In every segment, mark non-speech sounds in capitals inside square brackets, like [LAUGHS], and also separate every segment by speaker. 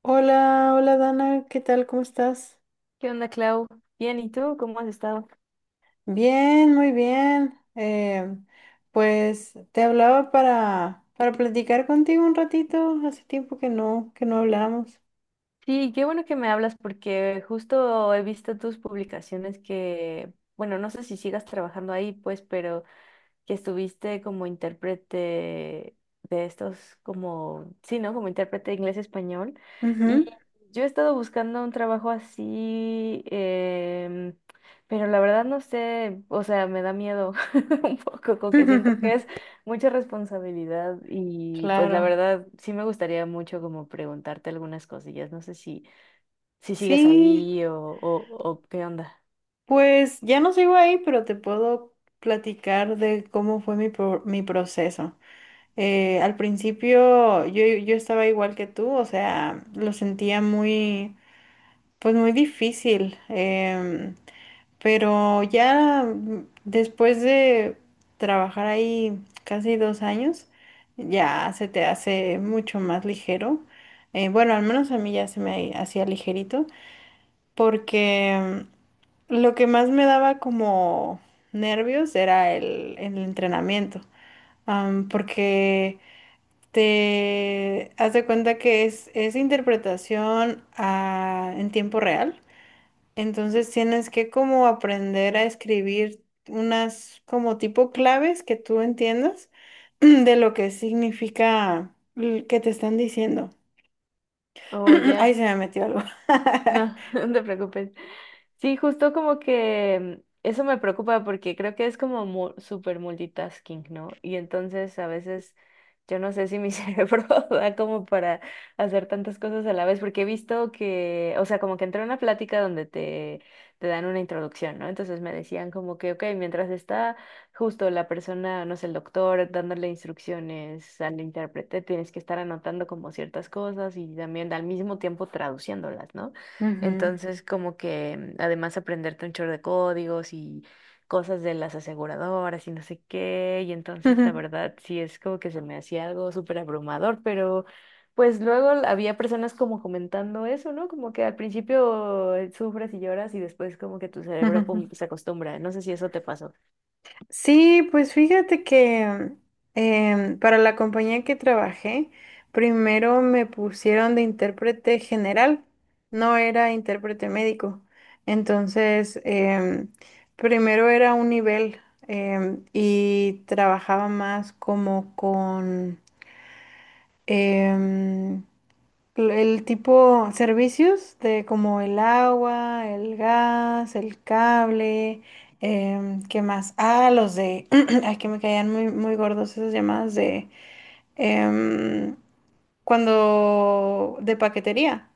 Speaker 1: Hola, hola Dana, ¿qué tal? ¿Cómo estás?
Speaker 2: ¿Qué onda, Clau? Bien, ¿y tú cómo has estado?
Speaker 1: Bien, muy bien. Pues te hablaba para platicar contigo un ratito. Hace tiempo que no hablamos.
Speaker 2: Sí, qué bueno que me hablas porque justo he visto tus publicaciones que, bueno, no sé si sigas trabajando ahí, pues, pero que estuviste como intérprete de estos, como, sí, ¿no? Como intérprete de inglés-español. Y
Speaker 1: Ujú.
Speaker 2: yo he estado buscando un trabajo así, pero la verdad no sé, o sea, me da miedo [LAUGHS] un poco, como que siento que es
Speaker 1: [LAUGHS]
Speaker 2: mucha responsabilidad y pues la
Speaker 1: Claro.
Speaker 2: verdad sí me gustaría mucho como preguntarte algunas cosillas, no sé si sigues
Speaker 1: Sí,
Speaker 2: ahí o qué onda.
Speaker 1: pues ya no sigo ahí, pero te puedo platicar de cómo fue mi proceso. Al principio yo estaba igual que tú, o sea, lo sentía pues muy difícil. Pero ya después de trabajar ahí casi 2 años, ya se te hace mucho más ligero. Bueno, al menos a mí ya se me hacía ligerito, porque lo que más me daba como nervios era el entrenamiento, porque te has de cuenta que es interpretación en tiempo real. Entonces tienes que como aprender a escribir unas como tipo claves que tú entiendas [CLEARS THROAT] de lo que significa que te están diciendo.
Speaker 2: O
Speaker 1: [CLEARS THROAT] Ahí
Speaker 2: ya.
Speaker 1: se me metió algo. [LAUGHS]
Speaker 2: No, [LAUGHS] no te preocupes. Sí, justo como que eso me preocupa porque creo que es como súper multitasking, ¿no? Y entonces a veces yo no sé si mi [LAUGHS] cerebro da como para hacer tantas cosas a la vez, porque he visto que, o sea, como que entré a una plática donde te dan una introducción, ¿no? Entonces me decían como que, ok, mientras está justo la persona, no sé, el doctor dándole instrucciones al intérprete, tienes que estar anotando como ciertas cosas y también al mismo tiempo traduciéndolas, ¿no? Entonces, como que además aprenderte un chorro de códigos y cosas de las aseguradoras y no sé qué, y entonces la
Speaker 1: Ujú.
Speaker 2: verdad sí es como que se me hacía algo súper abrumador, pero pues luego había personas como comentando eso, ¿no? Como que al principio sufres y lloras y después como que tu cerebro pum, se
Speaker 1: [LAUGHS]
Speaker 2: acostumbra, no sé si eso te pasó.
Speaker 1: Sí, pues fíjate que para la compañía que trabajé, primero me pusieron de intérprete general, no era intérprete médico. Entonces, primero era un nivel y trabajaba más como em, el tipo servicios de como el agua, el gas, el cable, em, ¿qué más? Ah, los de, [CLEARS THROAT] ay, que me caían muy gordos esas llamadas de em, cuando de paquetería,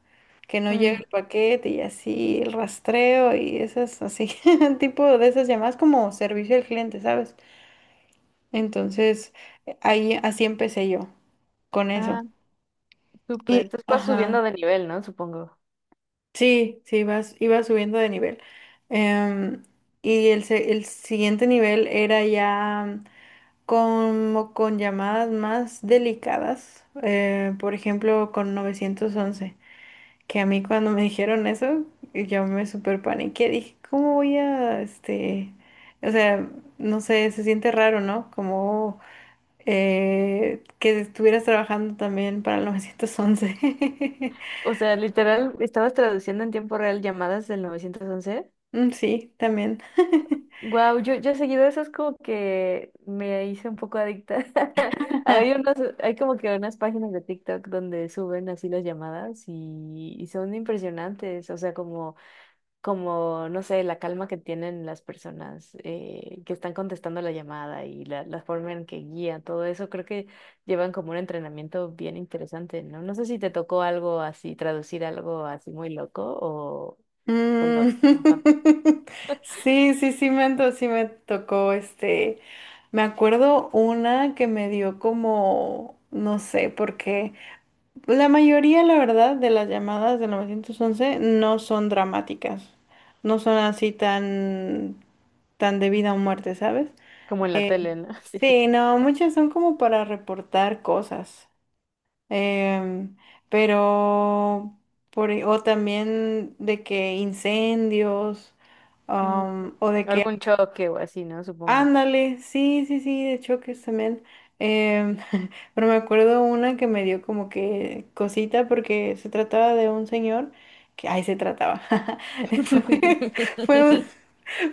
Speaker 1: que no llega
Speaker 2: Mm,
Speaker 1: el paquete y así el rastreo y esas así, [LAUGHS] tipo de esas llamadas como servicio al cliente, ¿sabes? Entonces, ahí así empecé yo con eso.
Speaker 2: ah, súper.
Speaker 1: Y,
Speaker 2: Entonces vas
Speaker 1: ajá.
Speaker 2: subiendo de nivel, ¿no? Supongo.
Speaker 1: Sí, iba subiendo de nivel. Em, y el siguiente nivel era ya como con llamadas más delicadas, por ejemplo, con 911 que a mí cuando me [LAUGHS] dijeron eso, yo me super paniqué, dije, ¿cómo voy a, este, o sea, no sé, se siente raro, ¿no? Como que estuvieras trabajando también para el 911. [LAUGHS]
Speaker 2: O sea, literal, estabas traduciendo en tiempo real llamadas del 911.
Speaker 1: Mm, sí, también.
Speaker 2: Wow, yo seguido eso es como que me hice un poco adicta. [LAUGHS]
Speaker 1: [LAUGHS]
Speaker 2: Hay unos, hay como que unas páginas de TikTok donde suben así las llamadas y son impresionantes. O sea, como, como, no sé, la calma que tienen las personas que están contestando la llamada y la forma en que guían todo eso, creo que llevan como un entrenamiento bien interesante, ¿no? No sé si te tocó algo así, traducir algo así muy loco o no,
Speaker 1: Mm,
Speaker 2: ajá,
Speaker 1: [LAUGHS] Sí me tocó este. Me acuerdo una que me dio como, no sé, porque la mayoría, la verdad, de las llamadas del 911 no son dramáticas, no son así tan de vida o muerte, ¿sabes?
Speaker 2: como en la tele, ¿no? [LAUGHS] Sí.
Speaker 1: Sí, no, muchas son como para reportar cosas. Em, pero, o también de que incendios,
Speaker 2: Mm,
Speaker 1: o de que,
Speaker 2: algún choque o así, ¿no? Supongo.
Speaker 1: ándale, sí, de choques también. Em, [LAUGHS] pero me acuerdo una que me dio como que cosita porque se trataba de un señor que, ay, se trataba. [LAUGHS] Fue, [LAUGHS] fue un-
Speaker 2: [LAUGHS]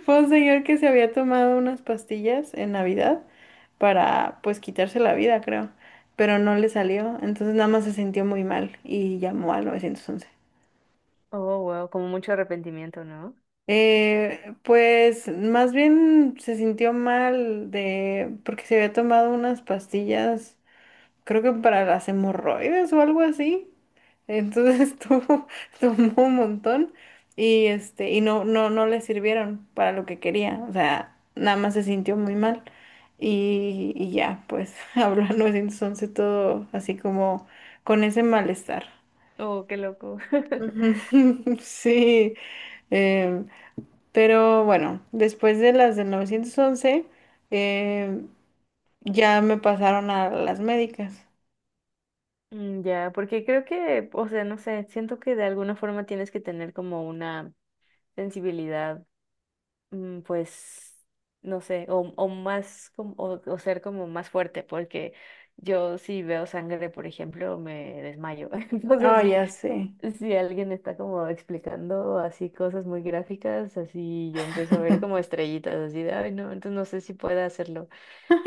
Speaker 1: fue un señor que se había tomado unas pastillas en Navidad para pues quitarse la vida, creo, pero no le salió, entonces nada más se sintió muy mal y llamó al 911.
Speaker 2: Oh, wow, como mucho arrepentimiento, ¿no?
Speaker 1: Pues más bien se sintió mal de porque se había tomado unas pastillas creo que para las hemorroides o algo así. Entonces [LAUGHS] tomó un montón y este, y no le sirvieron para lo que quería. O sea, nada más se sintió muy mal. Y ya, pues [LAUGHS] habló al 911 todo así como con ese malestar.
Speaker 2: Oh, qué loco.
Speaker 1: Ujú,
Speaker 2: [LAUGHS]
Speaker 1: [LAUGHS] sí, em, pero bueno, después de las del 911, em, ya me pasaron a las médicas.
Speaker 2: Mm, ya, porque creo que, o sea, no sé, siento que de alguna forma tienes que tener como una sensibilidad, pues, no sé, o más, o ser como más fuerte, porque yo si veo sangre, por ejemplo, me desmayo. [LAUGHS]
Speaker 1: Ah,
Speaker 2: Entonces sí,
Speaker 1: ya sé.
Speaker 2: si alguien está como explicando así cosas muy gráficas, así yo empiezo a ver como estrellitas, así de, ay, no, entonces no sé si pueda hacerlo.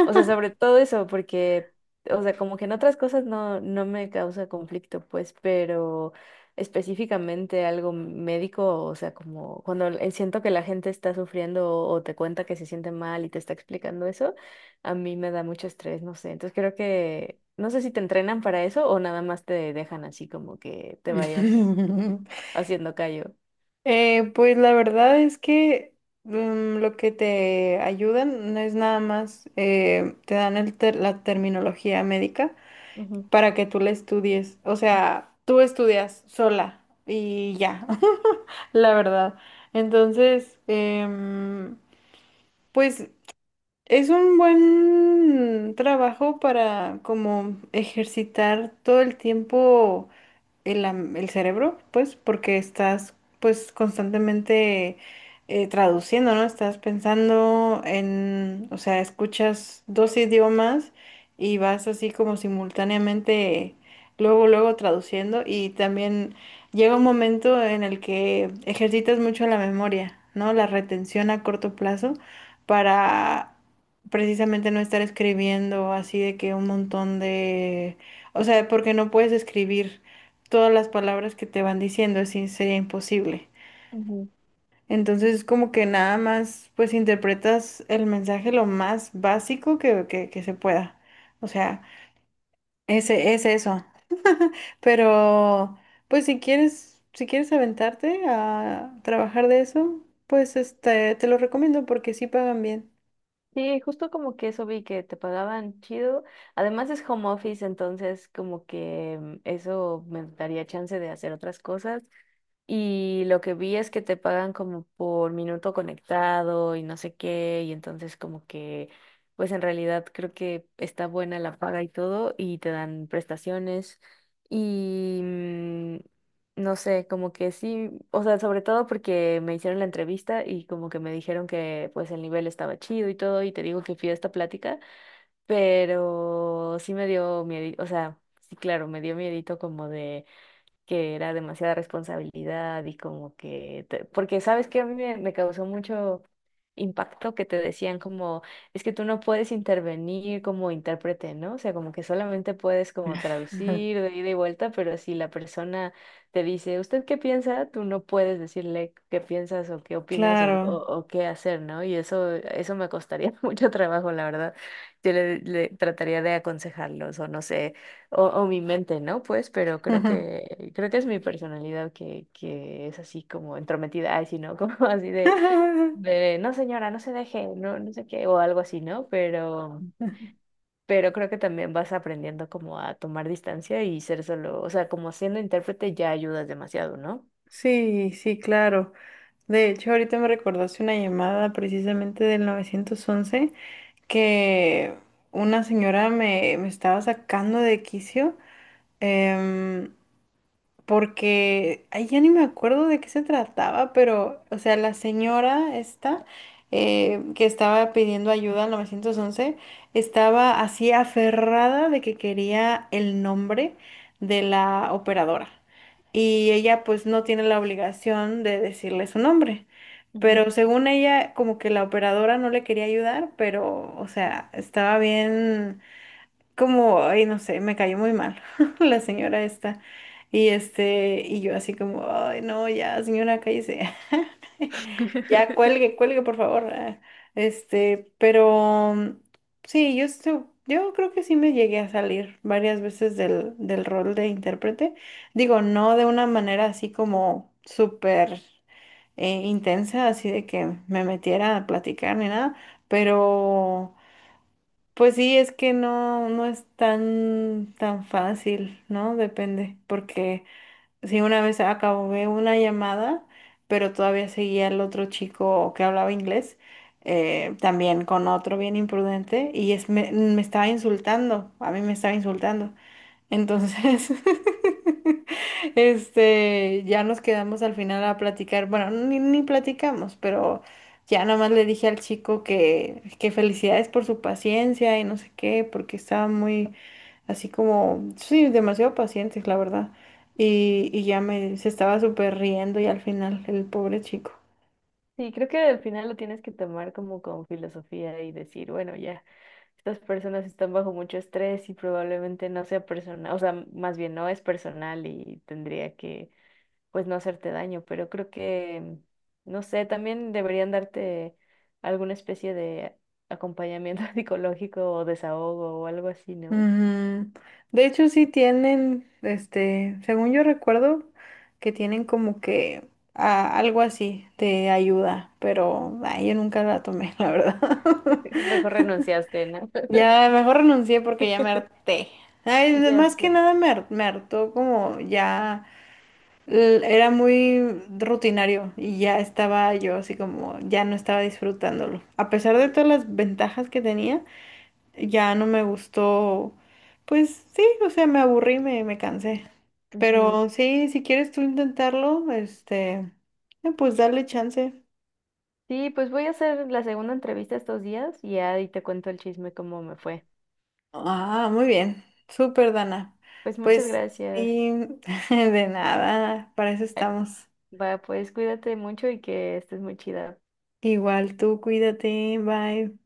Speaker 2: O sea, sobre todo eso, porque, o sea, como que en otras cosas no, no me causa conflicto, pues, pero específicamente algo médico, o sea, como cuando siento que la gente está sufriendo o te cuenta que se siente mal y te está explicando eso, a mí me da mucho estrés, no sé. Entonces creo que, no sé si te entrenan para eso o nada más te dejan así como que te vayas
Speaker 1: [LAUGHS]
Speaker 2: haciendo callo.
Speaker 1: Pues la verdad es que lo que te ayudan no es nada más, te dan la terminología médica
Speaker 2: Ujú,
Speaker 1: para que tú la estudies. O sea, tú estudias sola y ya, [LAUGHS] la verdad. Entonces, pues es un buen trabajo para como ejercitar todo el tiempo el cerebro, pues, porque estás, pues, constantemente traduciendo, ¿no? Estás pensando en, o sea, escuchas dos idiomas y vas así como simultáneamente, luego traduciendo y también llega un momento en el que ejercitas mucho la memoria, ¿no? La retención a corto plazo para precisamente no estar escribiendo así de que un montón de, o sea, porque no puedes escribir todas las palabras que te van diciendo, así sería imposible.
Speaker 2: ujú.
Speaker 1: Entonces es como que nada más pues interpretas el mensaje lo más básico que, que se pueda. O sea, ese es eso. Pero pues si quieres, si quieres aventarte a trabajar de eso, pues este te lo recomiendo porque sí pagan bien.
Speaker 2: Sí, justo como que eso vi que te pagaban chido. Además es home office, entonces como que eso me daría chance de hacer otras cosas. Y lo que vi es que te pagan como por minuto conectado y no sé qué, y entonces como que, pues en realidad creo que está buena la paga y todo, y te dan prestaciones y no sé, como que sí, o sea, sobre todo porque me hicieron la entrevista y como que me dijeron que pues el nivel estaba chido y todo, y te digo que fui a esta plática, pero sí me dio miedo, o sea, sí, claro, me dio miedito como de que era demasiada responsabilidad y como que, porque sabes que a mí me causó mucho impacto que te decían como, es que tú no puedes intervenir como intérprete, ¿no? O sea, como que solamente puedes como traducir
Speaker 1: [LAUGHS]
Speaker 2: de ida y vuelta, pero si la persona te dice, ¿usted qué piensa? Tú no puedes decirle qué piensas o qué opinas o, o,
Speaker 1: Claro.
Speaker 2: o qué hacer, ¿no? Y eso me costaría [LAUGHS] mucho trabajo, la verdad. Yo le trataría de aconsejarlos o no sé o mi mente, ¿no? Pues, pero creo
Speaker 1: [LAUGHS]
Speaker 2: que, creo que es mi personalidad que es así como entrometida, ay, sí, ¿no? [LAUGHS] Como así de,
Speaker 1: [LAUGHS]
Speaker 2: no señora, no se deje, no, no sé qué, o algo así, ¿no? Pero, creo que también vas aprendiendo como a tomar distancia y ser solo, o sea, como siendo intérprete ya ayudas demasiado, ¿no?
Speaker 1: Sí, sí, claro. De hecho, ahorita me recordaste una llamada precisamente del 911 que una señora me estaba sacando de quicio, em, porque ay, ya ni me acuerdo de qué se trataba, pero, o sea, la señora esta que estaba pidiendo ayuda al 911 estaba así aferrada de que quería el nombre de la operadora. Y ella pues no tiene la obligación de decirle su nombre.
Speaker 2: Ujú.
Speaker 1: Pero según ella, como que la operadora no le quería ayudar, pero, o sea, estaba bien, como, ay, no sé, me cayó muy mal [LAUGHS] la señora esta. Y yo así como, ay, no, ya, señora, cállese. [LAUGHS] Ya,
Speaker 2: [LAUGHS]
Speaker 1: cuelgue, cuelgue, por favor. Ah, este, pero sí, yo creo que sí me llegué a salir varias veces del rol de intérprete. Digo, no de una manera así como súper intensa, así de que me metiera a platicar ni nada, pero pues sí, es que no es tan, tan fácil, ¿no? Depende, porque Sí, una vez acabé una llamada, pero todavía seguía el otro chico que hablaba inglés, también con otro bien imprudente, me estaba insultando, a mí me estaba insultando. Entonces, [LAUGHS] este, ya nos quedamos al final a platicar, bueno, ni platicamos, pero ya nomás le dije al chico que felicidades por su paciencia y no sé qué, porque estaba muy así como, sí, demasiado pacientes, la verdad. Y ya me, se estaba súper riendo y al final, el pobre chico.
Speaker 2: Sí, creo que al final lo tienes que tomar como con filosofía y decir, bueno, ya, estas personas están bajo mucho estrés y probablemente no sea personal, o sea, más bien no es personal y tendría que, pues, no hacerte daño, pero creo que, no sé, también deberían darte alguna especie de acompañamiento [LAUGHS] psicológico o desahogo o algo así, ¿no?
Speaker 1: Ujú. De hecho, sí tienen, este, según yo recuerdo, que tienen como que ah, algo así de ayuda, pero ay, yo nunca la tomé, la verdad. [LAUGHS]
Speaker 2: [LAUGHS] Mejor renunciaste, ¿no? [LAUGHS]
Speaker 1: Ya mejor renuncié porque ya me harté. Ay,
Speaker 2: Ya
Speaker 1: más que
Speaker 2: sé.
Speaker 1: nada me hartó como ya. Era muy rutinario y ya estaba yo así como, ya no estaba disfrutándolo. A pesar de
Speaker 2: Sí,
Speaker 1: todas las ventajas que tenía, ya no me gustó, pues sí, o sea, me aburrí, me cansé.
Speaker 2: ujú.
Speaker 1: Pero sí, si quieres tú intentarlo, este, pues dale chance.
Speaker 2: Sí, pues voy a hacer la segunda entrevista estos días y ahí te cuento el chisme cómo me fue.
Speaker 1: Ah, muy bien, súper Dana.
Speaker 2: Pues muchas
Speaker 1: Pues
Speaker 2: gracias.
Speaker 1: sí, [LAUGHS] de nada, para eso
Speaker 2: Eh,
Speaker 1: estamos.
Speaker 2: Va, pues cuídate mucho y que estés muy chida.
Speaker 1: Igual tú, cuídate, bye.